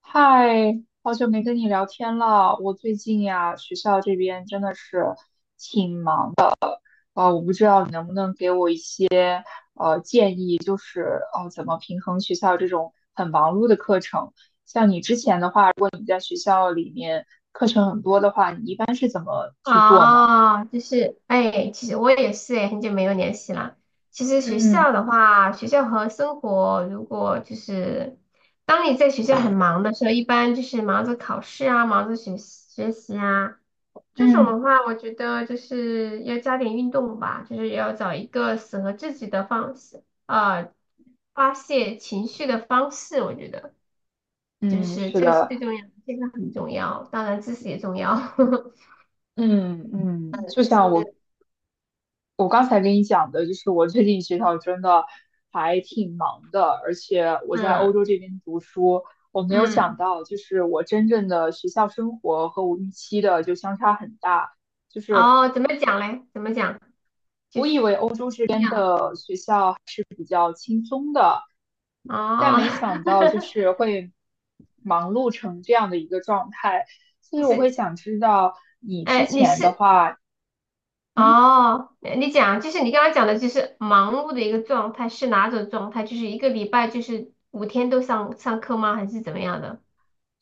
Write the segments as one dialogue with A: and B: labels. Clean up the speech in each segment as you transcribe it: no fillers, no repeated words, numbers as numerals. A: 嗨，好久没跟你聊天了。我最近呀，学校这边真的是，我不知道你能不能给我一些，就是哦，怎么平衡学校这种很忙碌的课程。像你之前的话，如果你在学校里面课程很多的话，你一般是怎么去做呢？
B: 哦，就是，哎，其实我也是，哎，很久没有联系了。其实学
A: 嗯
B: 校的话，学校和生活，如果就是，当你在学校很忙的时候，一般就是忙着考试啊，忙着学习学习啊，这种
A: 嗯
B: 的话，我觉得就是要加点运动吧，就是要找一个适合自己的方式，发泄情绪的方式，我觉得就
A: 嗯，
B: 是
A: 是
B: 这个是
A: 的，
B: 最重要的，健康很重要，当然知识也重要。
A: 嗯嗯，就
B: 就
A: 像我。
B: 是。
A: 我刚才跟你讲的，就是我最近学校真的还挺忙的，而且我在欧
B: 嗯
A: 洲这边读书，我没有
B: 嗯，
A: 想到，就是我真正的学校生活和我预期的就相差很大。
B: 哦，怎么讲嘞？怎么讲？就
A: 我以
B: 是
A: 为欧洲这
B: 一
A: 边
B: 样，
A: 的学校，但
B: 哦，
A: 没想到就是 会忙碌成这样的一个状态，所
B: 就
A: 以我会
B: 是，
A: 想知道你之
B: 哎，
A: 前的话。嗯。
B: 你讲，就是你刚刚讲的，就是忙碌的一个状态是哪种状态？就是一个礼拜就是5天都上课吗？还是怎么样的？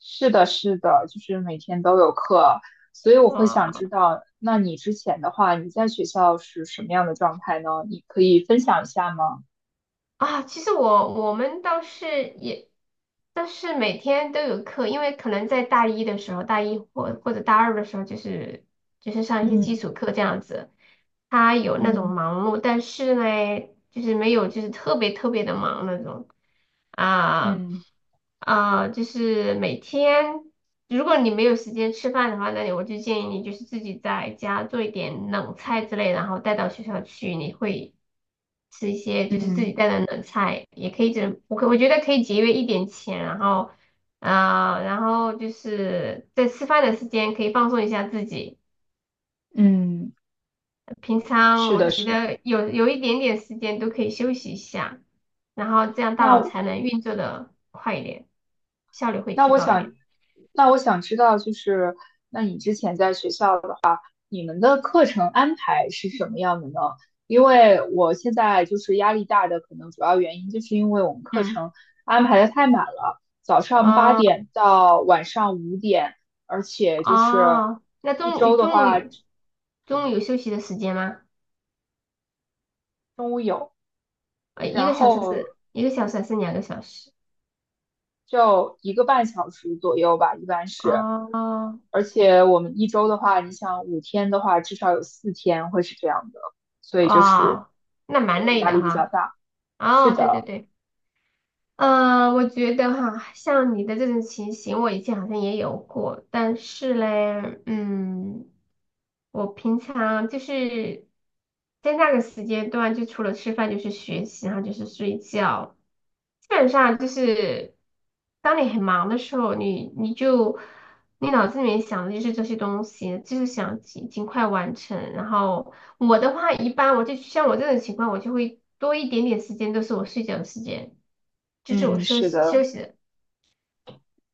A: 是的，是的，就是每天都有课，所以我会想知
B: 哇
A: 道，那你之前的话，你在学校是什么样的状态呢？你可以分享一下吗？
B: 啊，其实我们倒是也，但是每天都有课，因为可能在大一的时候，大一或者大二的时候，就是上一些基
A: 嗯
B: 础课这样子，他有那种
A: 嗯
B: 忙碌，但是呢，就是没有就是特别特别的忙那种。啊
A: 嗯
B: 就是每天如果你没有时间吃饭的话，我就建议你就是自己在家做一点冷菜之类，然后带到学校去，你会。吃一些就是自己
A: 嗯
B: 带的冷菜，也可以这，我觉得可以节约一点钱，然后就是在吃饭的时间可以放松一下自己。
A: 嗯，
B: 平常
A: 是
B: 我
A: 的，
B: 觉
A: 是的。
B: 得有一点点时间都可以休息一下，然后这样大脑
A: 那
B: 才能运作的快一点，效率会
A: 那
B: 提
A: 我
B: 高一
A: 想，
B: 点。
A: 那我想知道，就是那你之前在学校的话，你们的课程安排是什么样的呢？因为我现在就是压力大的，可能主要原因就是因为我们课
B: 嗯，
A: 程安排的太满了，早上八
B: 哦
A: 点到晚上5点，而且就是
B: 哦，那
A: 一
B: 中午
A: 周的
B: 中
A: 话，
B: 午中午有休息的时间吗？
A: 中午有，然后
B: 一个小时还是两个小时？
A: 就1个半小时左右吧，一般是。
B: 哦
A: 而且我们一周的话，你想5天的话，至少有4天会是这样的，所以就是
B: 哇，那蛮
A: 对
B: 累
A: 压
B: 的
A: 力比较
B: 哈。
A: 大。是
B: 哦，对对
A: 的，
B: 对，我觉得哈，像你的这种情形，我以前好像也有过，但是嘞，我平常就是在那个时间段，就除了吃饭就是学习，然后就是睡觉，基本上就是。当你很忙的时候，你脑子里面想的就是这些东西，就是想尽快完成。然后我的话，一般我就像我这种情况，我就会多一点点时间都是我睡觉的时间，就是我
A: 嗯，
B: 休
A: 是
B: 息休
A: 的，
B: 息的。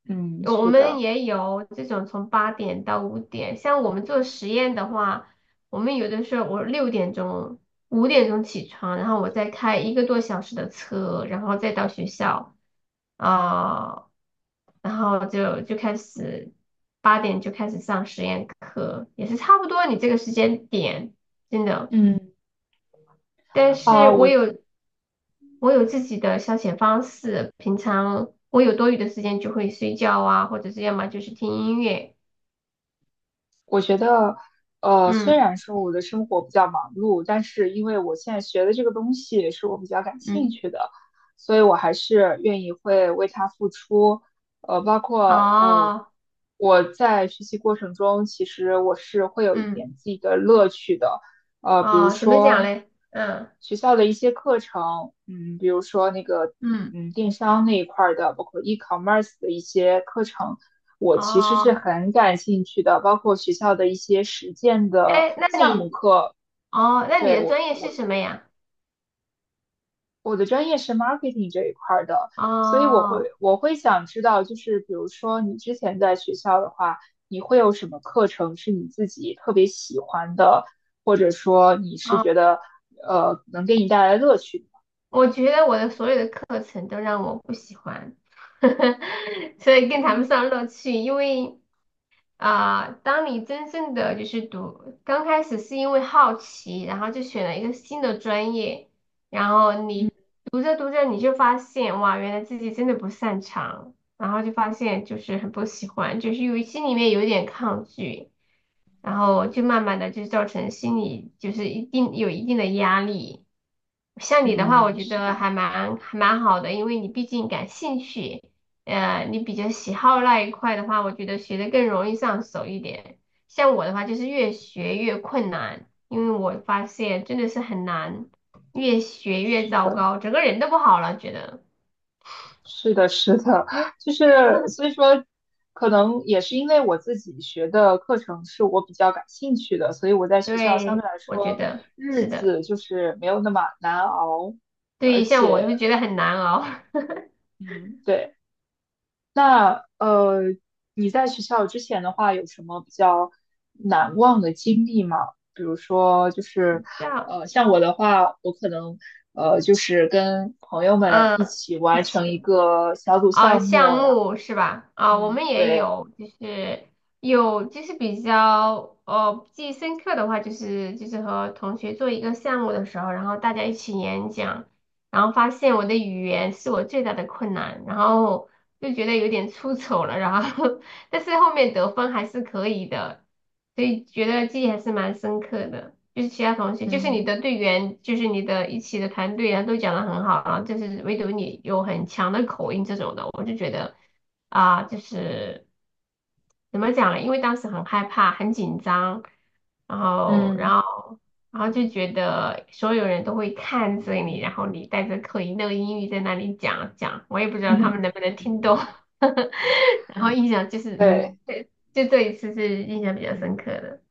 A: 嗯，
B: 我
A: 是
B: 们
A: 的，
B: 也有这种从8点到5点，像我们做实验的话，我们有的时候我6点钟、5点钟起床，然后我再开一个多小时的车，然后再到学校。啊、然后就开始，八点就开始上实验课，也是差不多你这个时间点，真的。
A: 嗯
B: 但
A: 啊，
B: 是我
A: 我
B: 有我有自己的消遣方式，平常我有多余的时间就会睡觉啊，或者是要么就是听音乐。
A: 我觉得，虽
B: 嗯，
A: 然说我的生活比较忙碌，但是因为我现在学的这个东西是我比较感兴
B: 嗯
A: 趣的，所以我还是愿意会为它付出。包括呃，
B: 哦，
A: 我在学习过程中，其实我是会有一
B: 嗯
A: 点自己的乐趣的。比如
B: 哦，怎么讲
A: 说
B: 嘞？嗯，
A: 学校的一些课程，比如说那个
B: 嗯，
A: 电商那一块儿的，包括 e-commerce 的一些课程，我其实
B: 哦，
A: 是很感兴趣的，包括学校的一些实践的
B: 哎，
A: 项目课，
B: 那你
A: 对，
B: 的专业是什么呀？
A: 我的专业是 marketing 这一块儿的，所以我会
B: 哦
A: 我会想知道，就是比如说你之前在学校的话，你会有什么课程是你自己特别喜欢的，或者说你是觉
B: 哦。
A: 得能给你带来乐趣的？
B: 我觉得我的所有的课程都让我不喜欢，所以更谈不
A: 嗯
B: 上乐趣。因为当你真正的就是读，刚开始是因为好奇，然后就选了一个新的专业，然后
A: 嗯
B: 你读着读着你就发现，哇，原来自己真的不擅长，然后就发现就是很不喜欢，就是有心里面有一点抗拒。然后就慢慢的就造成心理就是一定有一定的压力。像你的话，我
A: 嗯，
B: 觉
A: 是
B: 得
A: 的，
B: 还蛮好的，因为你毕竟感兴趣，你比较喜好那一块的话，我觉得学的更容易上手一点。像我的话，就是越学越困难，因为我发现真的是很难，越学越
A: 是
B: 糟
A: 的。
B: 糕，整个人都不好了，觉得。
A: 是的，是的，就是所以说，可能也是因为我自己学的课程是我比较感兴趣的，所以我在学校相对
B: 对，
A: 来
B: 我觉
A: 说
B: 得
A: 日
B: 是的，
A: 子就是没有那么难熬，而
B: 对，像我
A: 且，
B: 都觉得很难熬。
A: 嗯，对。那你在学校之前的话，有什么比较难忘的经历吗？比如说，就是
B: 这样，
A: 像我的话，我可能就是跟朋友们一起
B: 嗯，
A: 完成
B: 起。
A: 一个小组项
B: 项
A: 目。
B: 目是吧？我们
A: 嗯，
B: 也
A: 对，
B: 有，就是比较记忆深刻的话，就是和同学做一个项目的时候，然后大家一起演讲，然后发现我的语言是我最大的困难，然后就觉得有点出丑了，然后 但是后面得分还是可以的，所以觉得记忆还是蛮深刻的。就是其他同学，就是你
A: 嗯
B: 的队员，就是你的一起的团队啊，都讲的很好啊，然后就是唯独你有很强的口音这种的，我就觉得就是怎么讲呢？因为当时很害怕，很紧张，然后，
A: 嗯，
B: 然后，然后就觉得所有人都会看着你，然后你带着口音那个英语在那里讲讲，我也不知道他们能 不能听懂。然后印象就是，
A: 对，
B: 对，就这一次是印象比较深刻的。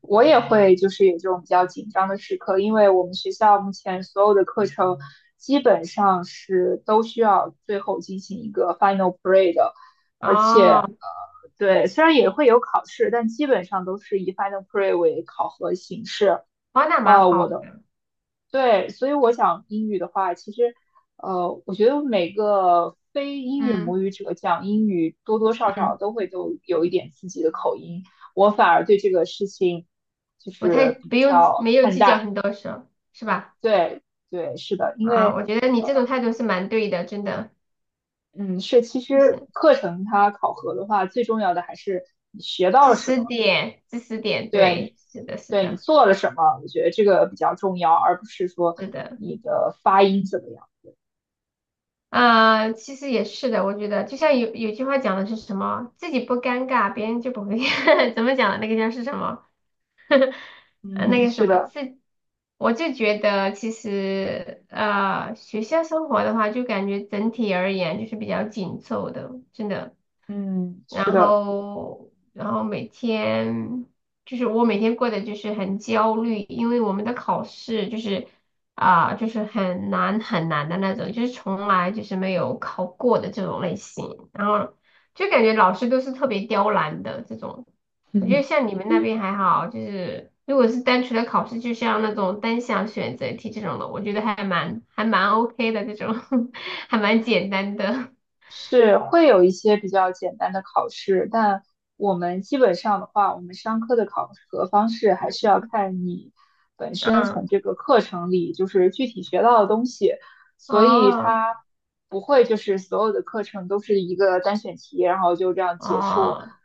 A: 我也会就是有这种比较紧张的时刻，因为我们学校目前所有的课程基本上是都需要最后进行一个 final p r a y 的，而且
B: 哦，
A: 对，虽然也会有考试，但基本上都是以 final p r a y 为考核形式。
B: 哇，那蛮
A: 呃，
B: 好
A: 我的
B: 的。
A: 对，所以我想英语的话，其实，我觉得每个非英语
B: 嗯
A: 母语者讲英语，多多少少
B: 嗯，
A: 都会都有一点自己的口音。我反而对这个事情就
B: 我太
A: 是比
B: 不用
A: 较
B: 没有
A: 看
B: 计
A: 淡。
B: 较很多事儿，是吧？
A: 对，对，是的，因
B: 啊，
A: 为，
B: 我觉得你这种态度是蛮对的，真的，
A: 嗯，是其
B: 就
A: 实
B: 是
A: 课程它考核的话，最重要的还是你学到
B: 知
A: 了什
B: 识
A: 么，
B: 点，知识点，
A: 对
B: 对，
A: 你，
B: 是的，是
A: 对你
B: 的，
A: 做了什么，我觉得这个比较重要，而不是说
B: 是的。
A: 你的发音怎么样。
B: 其实也是的，我觉得就像有句话讲的是什么，自己不尴尬，别人就不会 怎么讲的那个叫是什么？
A: 嗯
B: 那
A: 哼，
B: 个什
A: 是
B: 么，
A: 的，
B: 我就觉得其实学校生活的话，就感觉整体而言就是比较紧凑的，真的。
A: 嗯，是
B: 然
A: 的。
B: 后然后每天就是我每天过得就是很焦虑，因为我们的考试就是就是很难很难的那种，就是从来就是没有考过的这种类型，然后就感觉老师都是特别刁难的这种。我觉得
A: 嗯，
B: 像你们那 边还好，就是如果是单纯的考试，就像那种单项选择题这种的，我觉得还蛮 OK 的这种，还蛮简单的。
A: 是会有一些比较简单的考试，但我们基本上的话，我们商科的考核方式还是要看你本身从
B: 嗯，
A: 这个课程里就是具体学到的东西，所以
B: 哦。
A: 它不会就是所有的课程都是一个单选题，然后就这样结束。
B: 哦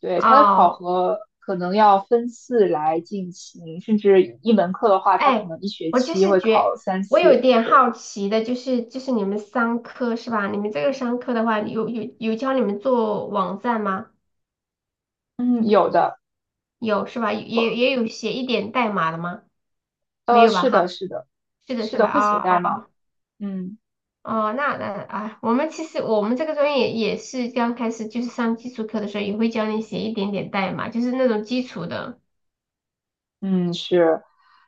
A: 对，它的考
B: 哦，
A: 核可能要分次来进行，甚至一门课的话，它可
B: 哎，
A: 能一学
B: 我就
A: 期
B: 是
A: 会考
B: 觉，
A: 三
B: 我有
A: 次。
B: 点
A: 对，
B: 好奇的，就是你们商科是吧？你们这个商科的话，有教你们做网站吗？
A: 嗯，有的，
B: 有是吧？也有写一点代码的吗？没有吧？
A: 是
B: 哈，
A: 的，是的。
B: 是的，
A: 是
B: 是
A: 的，会携
B: 吧？哦
A: 带吗？
B: 哦
A: 嗯
B: 哦，那啊，其实我们这个专业也是刚开始就是上基础课的时候，也会教你写一点点代码，就是那种基础的。
A: 嗯，是，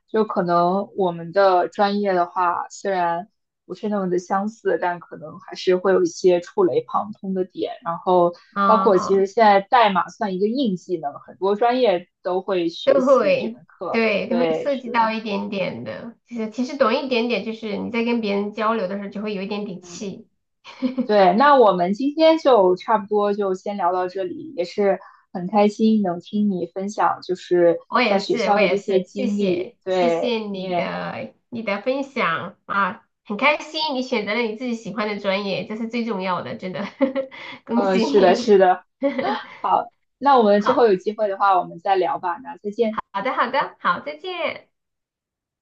A: 就可能我们的专业的话，虽然不是那么的相似，但可能还是会有一些触类旁通的点。然后，包括其实
B: 啊
A: 现在代码算一个硬技能，很多专业都会学
B: 都
A: 习这
B: 会，
A: 门课。
B: 对，都会
A: 对，
B: 涉及到
A: 是，
B: 一点点的。其实，其实懂一点点，就是你在跟别人交流的时候，就会有一点底
A: 嗯，
B: 气。
A: 对。那我们今天就差不多就先聊到这里，也是很开心能听你分享，就是
B: 我
A: 在
B: 也
A: 学
B: 是，
A: 校
B: 我
A: 的
B: 也
A: 这些
B: 是，谢
A: 经历。
B: 谢，谢谢
A: 对，你
B: 你
A: 也。
B: 的你的分享啊，很开心你选择了你自己喜欢的专业，这是最重要的，真的，恭喜
A: 是的，是
B: 你。
A: 的。好，那我们之后
B: 好，
A: 有机会的话，我们再聊吧。那再见。
B: 好的，好的，好，再见。